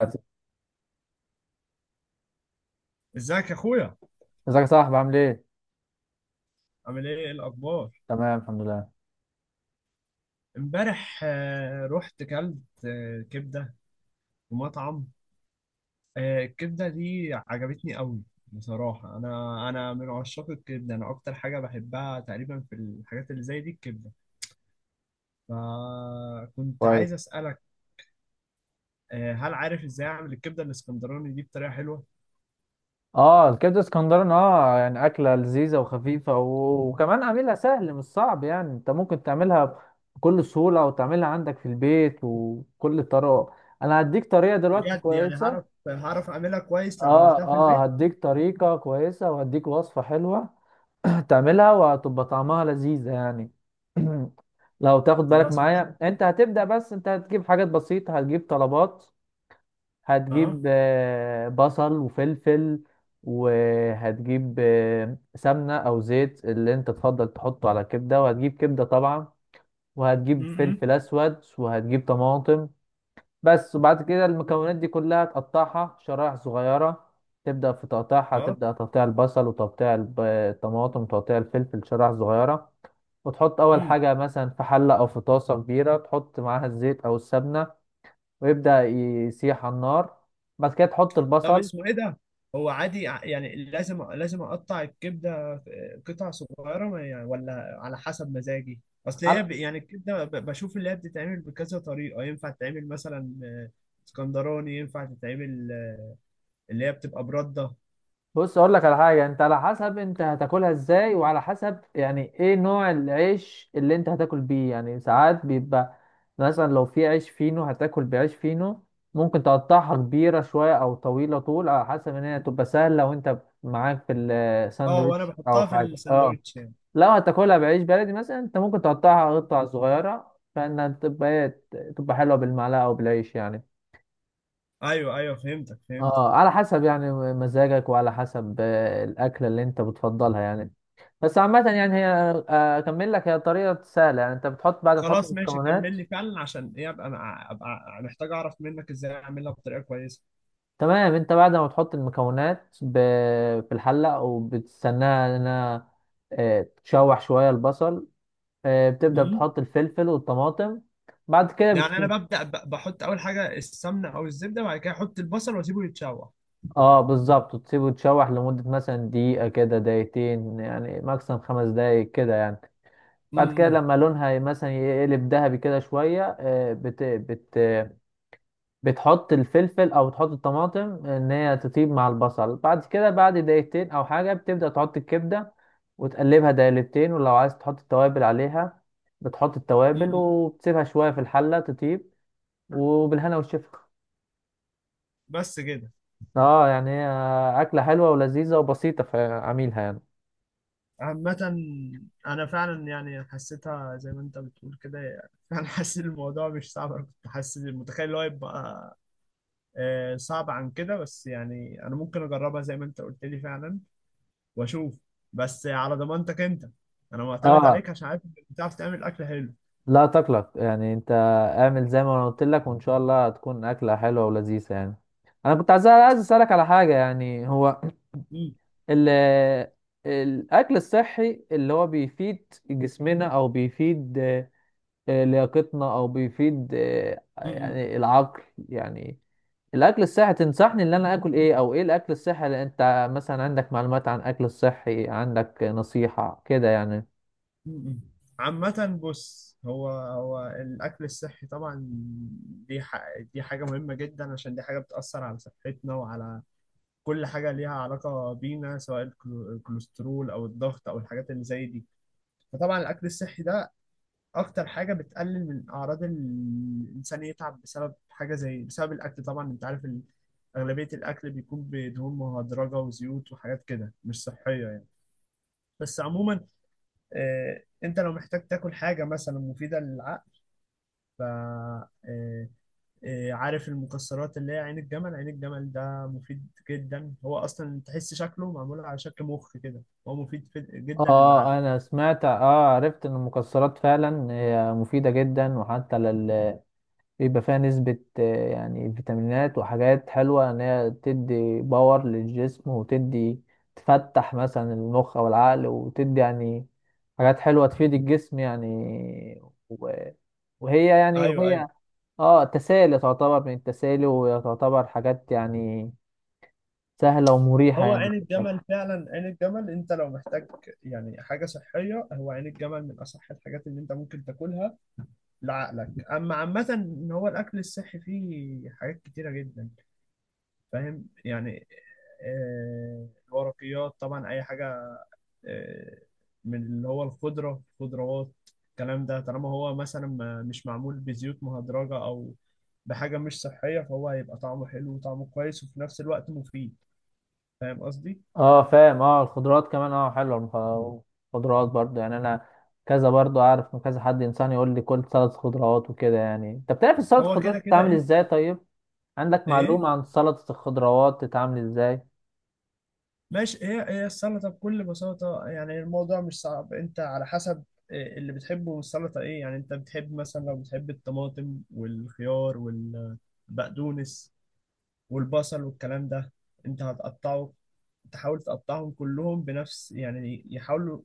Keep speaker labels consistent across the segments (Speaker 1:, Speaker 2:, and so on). Speaker 1: ازيك
Speaker 2: ازيك يا اخويا.
Speaker 1: يا صاحبي، عامل ايه؟
Speaker 2: عامل ايه؟ ايه الاخبار؟
Speaker 1: تمام، الحمد لله.
Speaker 2: امبارح رحت كلت كبده في مطعم. الكبده دي عجبتني قوي بصراحه. انا من عشاق الكبده، انا اكتر حاجه بحبها تقريبا في الحاجات اللي زي دي الكبده. فكنت
Speaker 1: كويس.
Speaker 2: عايز اسالك، هل عارف ازاي اعمل الكبده الاسكندراني دي بطريقه حلوه؟
Speaker 1: اه، الكبده اسكندراني اه يعني اكله لذيذه وخفيفه وكمان عاملها سهل، مش صعب، يعني انت ممكن تعملها بكل سهوله وتعملها عندك في البيت وكل طرق. انا هديك طريقه دلوقتي
Speaker 2: بجد يعني هعرف
Speaker 1: كويسه.
Speaker 2: هعرف اعملها كويس لو
Speaker 1: اه
Speaker 2: عملتها في
Speaker 1: اه،
Speaker 2: البيت؟
Speaker 1: هديك طريقه كويسه وهديك وصفه حلوه. تعملها وهتبقى طعمها لذيذه يعني. لو تاخد بالك
Speaker 2: خلاص. مش
Speaker 1: معايا، انت هتبدا، بس انت هتجيب حاجات بسيطه، هتجيب طلبات. هتجيب
Speaker 2: اه.
Speaker 1: بصل وفلفل، وهتجيب سمنة أو زيت اللي أنت تفضل تحطه على الكبدة، وهتجيب كبدة طبعا،
Speaker 2: م-
Speaker 1: وهتجيب
Speaker 2: م.
Speaker 1: فلفل أسود، وهتجيب طماطم بس. وبعد كده المكونات دي كلها تقطعها شرائح صغيرة، تبدأ في تقطيعها،
Speaker 2: اه.
Speaker 1: تبدأ تقطيع البصل وتقطيع الطماطم وتقطيع الفلفل شرائح صغيرة. وتحط أول
Speaker 2: م.
Speaker 1: حاجة مثلا في حلة أو في طاسة كبيرة، تحط معاها الزيت أو السمنة ويبدأ يسيح على النار. بعد كده تحط
Speaker 2: طب
Speaker 1: البصل
Speaker 2: اسمه ايه ده؟ هو عادي يعني لازم اقطع الكبده قطع صغيره يعني، ولا على حسب مزاجي؟ اصل هي
Speaker 1: على.
Speaker 2: يعني الكبده بشوف اللي هي بتتعمل بكذا طريقه، ينفع تتعمل مثلا اسكندراني، ينفع تتعمل اللي هي بتبقى برده.
Speaker 1: بص، اقول لك على حاجه: انت على حسب انت هتاكلها ازاي، وعلى حسب يعني ايه نوع العيش اللي انت هتاكل بيه. يعني ساعات بيبقى مثلا لو في عيش فينو هتاكل بعيش فينو، ممكن تقطعها كبيره شويه او طويله طول، على حسب ان هي تبقى سهله وانت معاك في
Speaker 2: اه، وانا
Speaker 1: الساندوتش او
Speaker 2: بحطها في
Speaker 1: حاجه، اه.
Speaker 2: الساندوتش يعني.
Speaker 1: لو هتاكلها بعيش بلدي مثلا، انت ممكن تقطعها قطع صغيره فانها تبقى تبقى حلوه بالمعلقه او بالعيش يعني.
Speaker 2: ايوه ايوه، فهمتك.
Speaker 1: اه، على حسب يعني مزاجك وعلى حسب الاكله اللي انت بتفضلها يعني. بس عامه، يعني هي اكمل لك، هي طريقه سهله. يعني انت بتحط بعد ما تحط
Speaker 2: خلاص ماشي، كمل
Speaker 1: المكونات،
Speaker 2: لي فعلا عشان ايه ابقى، ابقى محتاج اعرف منك ازاي اعملها بطريقه كويسه.
Speaker 1: تمام، انت بعد ما تحط المكونات في الحله وبتستناها انها تشوح شويه البصل. بتبدا بتحط الفلفل والطماطم. بعد كده
Speaker 2: يعني
Speaker 1: بت...
Speaker 2: انا ببدا بحط اول حاجه السمنه او الزبده، بعد كده احط البصل واسيبه يتشوح.
Speaker 1: اه بالظبط، وتسيبه يتشوح لمده مثلا دقيقه كده، دقيقتين، يعني ماكسيمم 5 دقايق كده يعني. بعد كده
Speaker 2: امم.
Speaker 1: لما لونها مثلا يقلب ذهبي كده شوية، آه، بت بت بتحط الفلفل أو تحط الطماطم إن هي تطيب مع البصل. بعد كده بعد دقيقتين أو حاجة بتبدأ تحط الكبدة وتقلبها دقيقتين، ولو عايز تحط التوابل عليها بتحط التوابل
Speaker 2: امم.
Speaker 1: وبتسيبها شوية في الحلة تطيب. وبالهنا والشفا.
Speaker 2: بس كده؟
Speaker 1: اه يعني هي أكلة حلوة ولذيذة وبسيطة في عميلها يعني.
Speaker 2: عامة أنا فعلا يعني حسيتها زي ما أنت بتقول كده، يعني فعلا حسيت الموضوع مش صعب. أنا كنت حاسس متخيل اللي هو يبقى صعب عن كده، بس يعني أنا ممكن أجربها زي ما أنت قلت لي فعلا وأشوف. بس على ضمانتك أنت، أنا معتمد
Speaker 1: اه
Speaker 2: عليك عشان عارف إنك بتعرف تعمل أكل حلو.
Speaker 1: لا تقلق يعني، انت اعمل زي ما انا قلت لك وان شاء الله هتكون اكله حلوه ولذيذه يعني. انا كنت عايز اسالك على حاجه يعني. هو ال الاكل الصحي اللي هو بيفيد جسمنا او بيفيد لياقتنا او بيفيد
Speaker 2: امم.
Speaker 1: يعني العقل. يعني الاكل الصحي تنصحني ان انا اكل ايه؟ او ايه الاكل الصحي اللي انت مثلا عندك معلومات عن الاكل الصحي، عندك نصيحه كده يعني.
Speaker 2: م-م. عامة بص، هو الأكل الصحي طبعا دي ح... دي حاجة مهمة جدا، عشان دي حاجة بتأثر على صحتنا وعلى كل حاجة ليها علاقة بينا، سواء الكوليسترول أو الضغط أو الحاجات اللي زي دي. فطبعا الأكل الصحي ده أكتر حاجة بتقلل من أعراض الإنسان يتعب بسبب حاجة، زي بسبب الأكل. طبعا أنت عارف أغلبية الأكل بيكون بدهون مهدرجة وزيوت وحاجات كده مش صحية يعني. بس عموما انت لو محتاج تاكل حاجة مثلا مفيدة للعقل، ف آه، آه، عارف المكسرات اللي هي عين الجمل؟ عين الجمل ده مفيد جدا، هو اصلا تحس شكله معمول على شكل مخ كده. هو مفيد جدا للعقل.
Speaker 1: اه، انا سمعت، اه عرفت ان المكسرات فعلا هي مفيدة جدا، وحتى لل بيبقى فيها نسبة يعني فيتامينات وحاجات حلوة، ان هي تدي باور للجسم وتدي، تفتح مثلا المخ او العقل وتدي يعني حاجات حلوة تفيد الجسم يعني. و- وهي يعني،
Speaker 2: ايوه ايوه.
Speaker 1: وهي اه تسالي، تعتبر من التسالي، وتعتبر حاجات يعني سهلة ومريحة
Speaker 2: هو
Speaker 1: يعني.
Speaker 2: عين الجمل فعلا، عين الجمل انت لو محتاج يعني حاجة صحية، هو عين الجمل من اصح الحاجات اللي انت ممكن تاكلها لعقلك. اما عامة ان هو الاكل الصحي فيه حاجات كتيرة جدا، فاهم يعني؟ الورقيات طبعا، اي حاجه آه، من اللي هو الخضره، الخضروات، الكلام ده طالما هو مثلا مش معمول بزيوت مهدرجه او بحاجه مش صحيه، فهو هيبقى طعمه حلو وطعمه كويس وفي نفس الوقت مفيد. فاهم قصدي؟
Speaker 1: اه فاهم، اه الخضروات كمان اه حلوه، الخضروات برضو يعني انا كذا، برضو اعرف من كذا حد انسان يقول لي كل سلطه خضروات وكده. يعني انت بتعرف السلطه
Speaker 2: هو
Speaker 1: الخضروات
Speaker 2: كده كده
Speaker 1: بتتعمل
Speaker 2: انت.
Speaker 1: ازاي؟ طيب عندك
Speaker 2: ايه،
Speaker 1: معلومه عن سلطه الخضروات بتتعمل ازاي؟
Speaker 2: ماشي. هي السلطه بكل بساطه، يعني الموضوع مش صعب. انت على حسب إيه اللي بتحبه من السلطه، ايه يعني، انت بتحب مثلا، لو بتحب الطماطم والخيار والبقدونس والبصل والكلام ده، انت هتقطعه، تحاول تقطعهم كلهم بنفس يعني، يحاولوا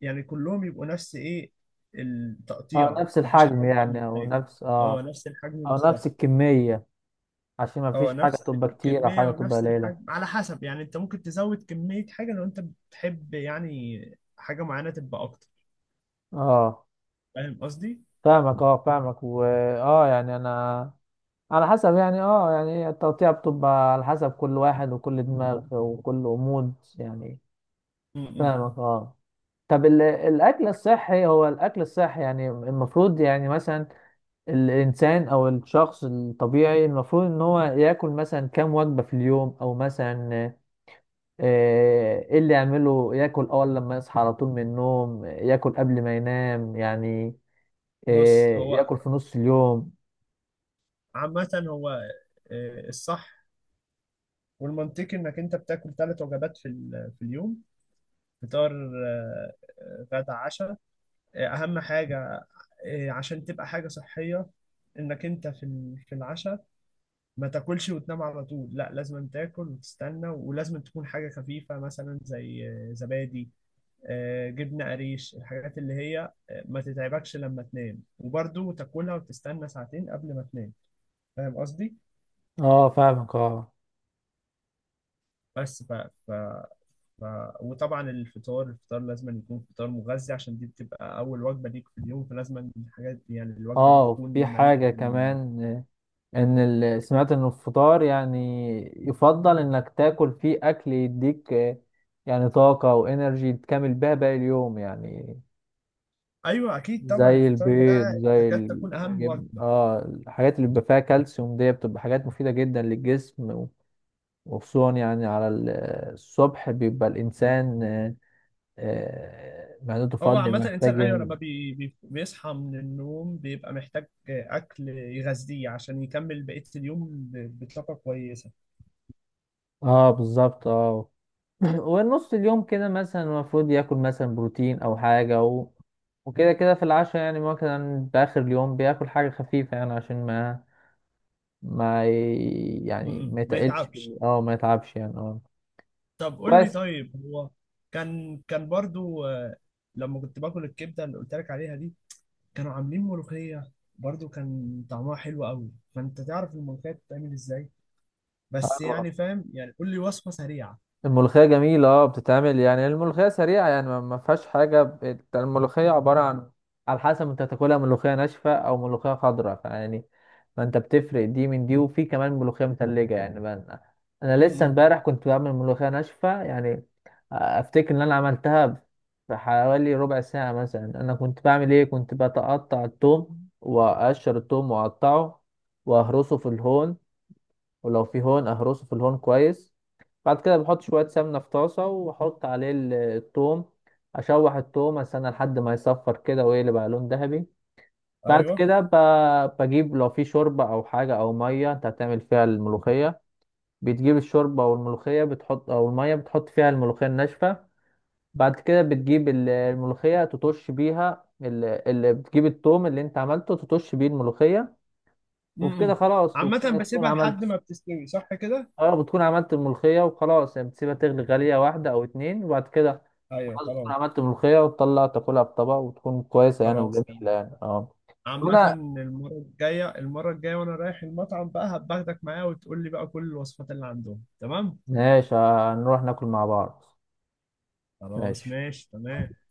Speaker 2: يعني كلهم يبقوا نفس ايه،
Speaker 1: اه
Speaker 2: التقطيع،
Speaker 1: نفس
Speaker 2: مفيش حاجة
Speaker 1: الحجم
Speaker 2: اكبر من
Speaker 1: يعني، او
Speaker 2: حاجة.
Speaker 1: نفس اه،
Speaker 2: اه نفس الحجم
Speaker 1: او نفس
Speaker 2: بالظبط.
Speaker 1: الكميه، عشان ما
Speaker 2: اه
Speaker 1: فيش حاجه
Speaker 2: نفس
Speaker 1: تبقى كتير او
Speaker 2: الكمية
Speaker 1: حاجه تبقى
Speaker 2: ونفس
Speaker 1: قليله.
Speaker 2: الحجم، على حسب يعني انت ممكن تزود كمية حاجة لو انت بتحب يعني حاجة معينة تبقى اكتر.
Speaker 1: اه
Speaker 2: فاهم قصدي؟
Speaker 1: فاهمك، اه فاهمك، و اه يعني انا، على حسب يعني اه يعني التقطيع بتبقى على حسب كل واحد وكل دماغ وكل أمود يعني.
Speaker 2: م-م.
Speaker 1: فاهمك اه. طب الاكل الصحي، هو الاكل الصحي يعني المفروض يعني مثلا الانسان او الشخص الطبيعي المفروض ان هو ياكل مثلا كام وجبة في اليوم؟ او مثلا ايه اللي يعمله؟ ياكل اول لما يصحى على طول من النوم؟ ياكل قبل ما ينام يعني
Speaker 2: بص هو،
Speaker 1: ياكل في نص اليوم؟
Speaker 2: عامة هو الصح والمنطقي انك انت بتاكل ثلاث وجبات في اليوم. فطار، آه، غدا، عشاء. اهم حاجه عشان تبقى حاجه صحيه، انك انت في العشاء ما تاكلش وتنام على طول. لا، لازم تاكل وتستنى، ولازم تكون حاجه خفيفه مثلا زي زبادي، جبنه قريش، الحاجات اللي هي ما تتعبكش لما تنام، وبرضه تاكلها وتستنى ساعتين قبل ما تنام. فاهم قصدي؟
Speaker 1: اه فاهمك اه.
Speaker 2: بس ف... ف... وطبعا الفطار لازم يكون فطار مغذي، عشان دي بتبقى اول وجبه ليك في اليوم، فلازم الحاجات دي يعني الوجبه دي
Speaker 1: اه
Speaker 2: تكون
Speaker 1: في
Speaker 2: مليئه
Speaker 1: حاجة كمان ان سمعت ان الفطار يعني يفضل انك تاكل فيه اكل يديك يعني طاقة وانرجي تكمل بيها باقي اليوم يعني،
Speaker 2: ايوه اكيد، طبعا
Speaker 1: زي
Speaker 2: الفطار
Speaker 1: البيض،
Speaker 2: ده
Speaker 1: زي
Speaker 2: تكاد تكون اهم
Speaker 1: الجبن،
Speaker 2: وجبه.
Speaker 1: اه الحاجات اللي بيبقى فيها كالسيوم دي بتبقى حاجات مفيدة جدا للجسم. وخصوصا يعني على الصبح بيبقى الانسان معدته
Speaker 2: هو
Speaker 1: فاضية،
Speaker 2: عامه الانسان،
Speaker 1: محتاج
Speaker 2: ايوه، لما بيصحى من النوم بيبقى محتاج اكل يغذيه عشان يكمل بقيه اليوم بطاقه كويسه.
Speaker 1: اه بالظبط اه. ونص اليوم كده مثلا المفروض ياكل مثلا بروتين او حاجه وكده كده في العشاء يعني مثلا في اخر اليوم بياكل حاجه خفيفه يعني عشان ما ما ي...
Speaker 2: م-
Speaker 1: يعني ما
Speaker 2: م. ما
Speaker 1: يتقلش.
Speaker 2: يتعبش.
Speaker 1: اه ما يتعبش يعني اه.
Speaker 2: طب قول لي،
Speaker 1: كويس
Speaker 2: طيب هو كان برضو لما كنت باكل الكبده اللي قلت لك عليها دي، كانوا عاملين ملوخية، برضو كان طعمها حلو قوي. فانت تعرف الملوخية بتتعمل ازاي؟ بس
Speaker 1: اه.
Speaker 2: يعني فاهم يعني، قول لي وصفة سريعة.
Speaker 1: الملوخية جميلة اه، بتتعمل يعني الملوخية سريعة يعني ما فيهاش حاجة الملوخية عبارة عن، على حسب انت تاكلها ملوخية ناشفة او ملوخية خضراء فيعني، ما انت بتفرق دي من دي، وفي كمان ملوخية متلجة يعني. بقى انا لسه
Speaker 2: امم.
Speaker 1: امبارح كنت بعمل ملوخية ناشفة يعني افتكر ان انا عملتها في حوالي ربع ساعة مثلا. انا كنت بعمل ايه، كنت بتقطع الثوم واقشر الثوم واقطعه واهرسه في الهون، ولو في هون اهرسه في الهون كويس. بعد كده بحط شوية سمنة في طاسة وأحط عليه التوم، أشوح التوم، أستنى لحد ما يصفر كده ويقلب على لون ذهبي. بعد
Speaker 2: ايوه.
Speaker 1: كده بجيب لو في شوربة أو حاجة أو مية أنت هتعمل فيها الملوخية، بتجيب الشوربة أو الملوخية بتحط، أو المية بتحط فيها الملوخية الناشفة. بعد كده بتجيب الملوخية تطش بيها، اللي بتجيب التوم اللي أنت عملته تطش بيه الملوخية. وبكده
Speaker 2: امم.
Speaker 1: خلاص،
Speaker 2: عامة
Speaker 1: وبكده تكون
Speaker 2: بسيبها لحد
Speaker 1: عملت.
Speaker 2: ما بتستوي، صح كده؟
Speaker 1: اه بتكون عملت الملوخية وخلاص يعني، بتسيبها تغلي غلية واحدة أو اتنين وبعد كده
Speaker 2: ايوه
Speaker 1: خلاص، بتكون
Speaker 2: خلاص.
Speaker 1: عملت ملوخية وتطلع تاكلها بطبق وتكون كويسة يعني
Speaker 2: خلاص تمام.
Speaker 1: وجميلة يعني اه.
Speaker 2: عامة
Speaker 1: وانا
Speaker 2: المرة الجاية، وانا رايح المطعم بقى هباخدك معايا، وتقول لي بقى كل الوصفات اللي عندهم. تمام،
Speaker 1: ماشي، هنروح ناكل مع بعض.
Speaker 2: خلاص
Speaker 1: ماشي.
Speaker 2: ماشي تمام.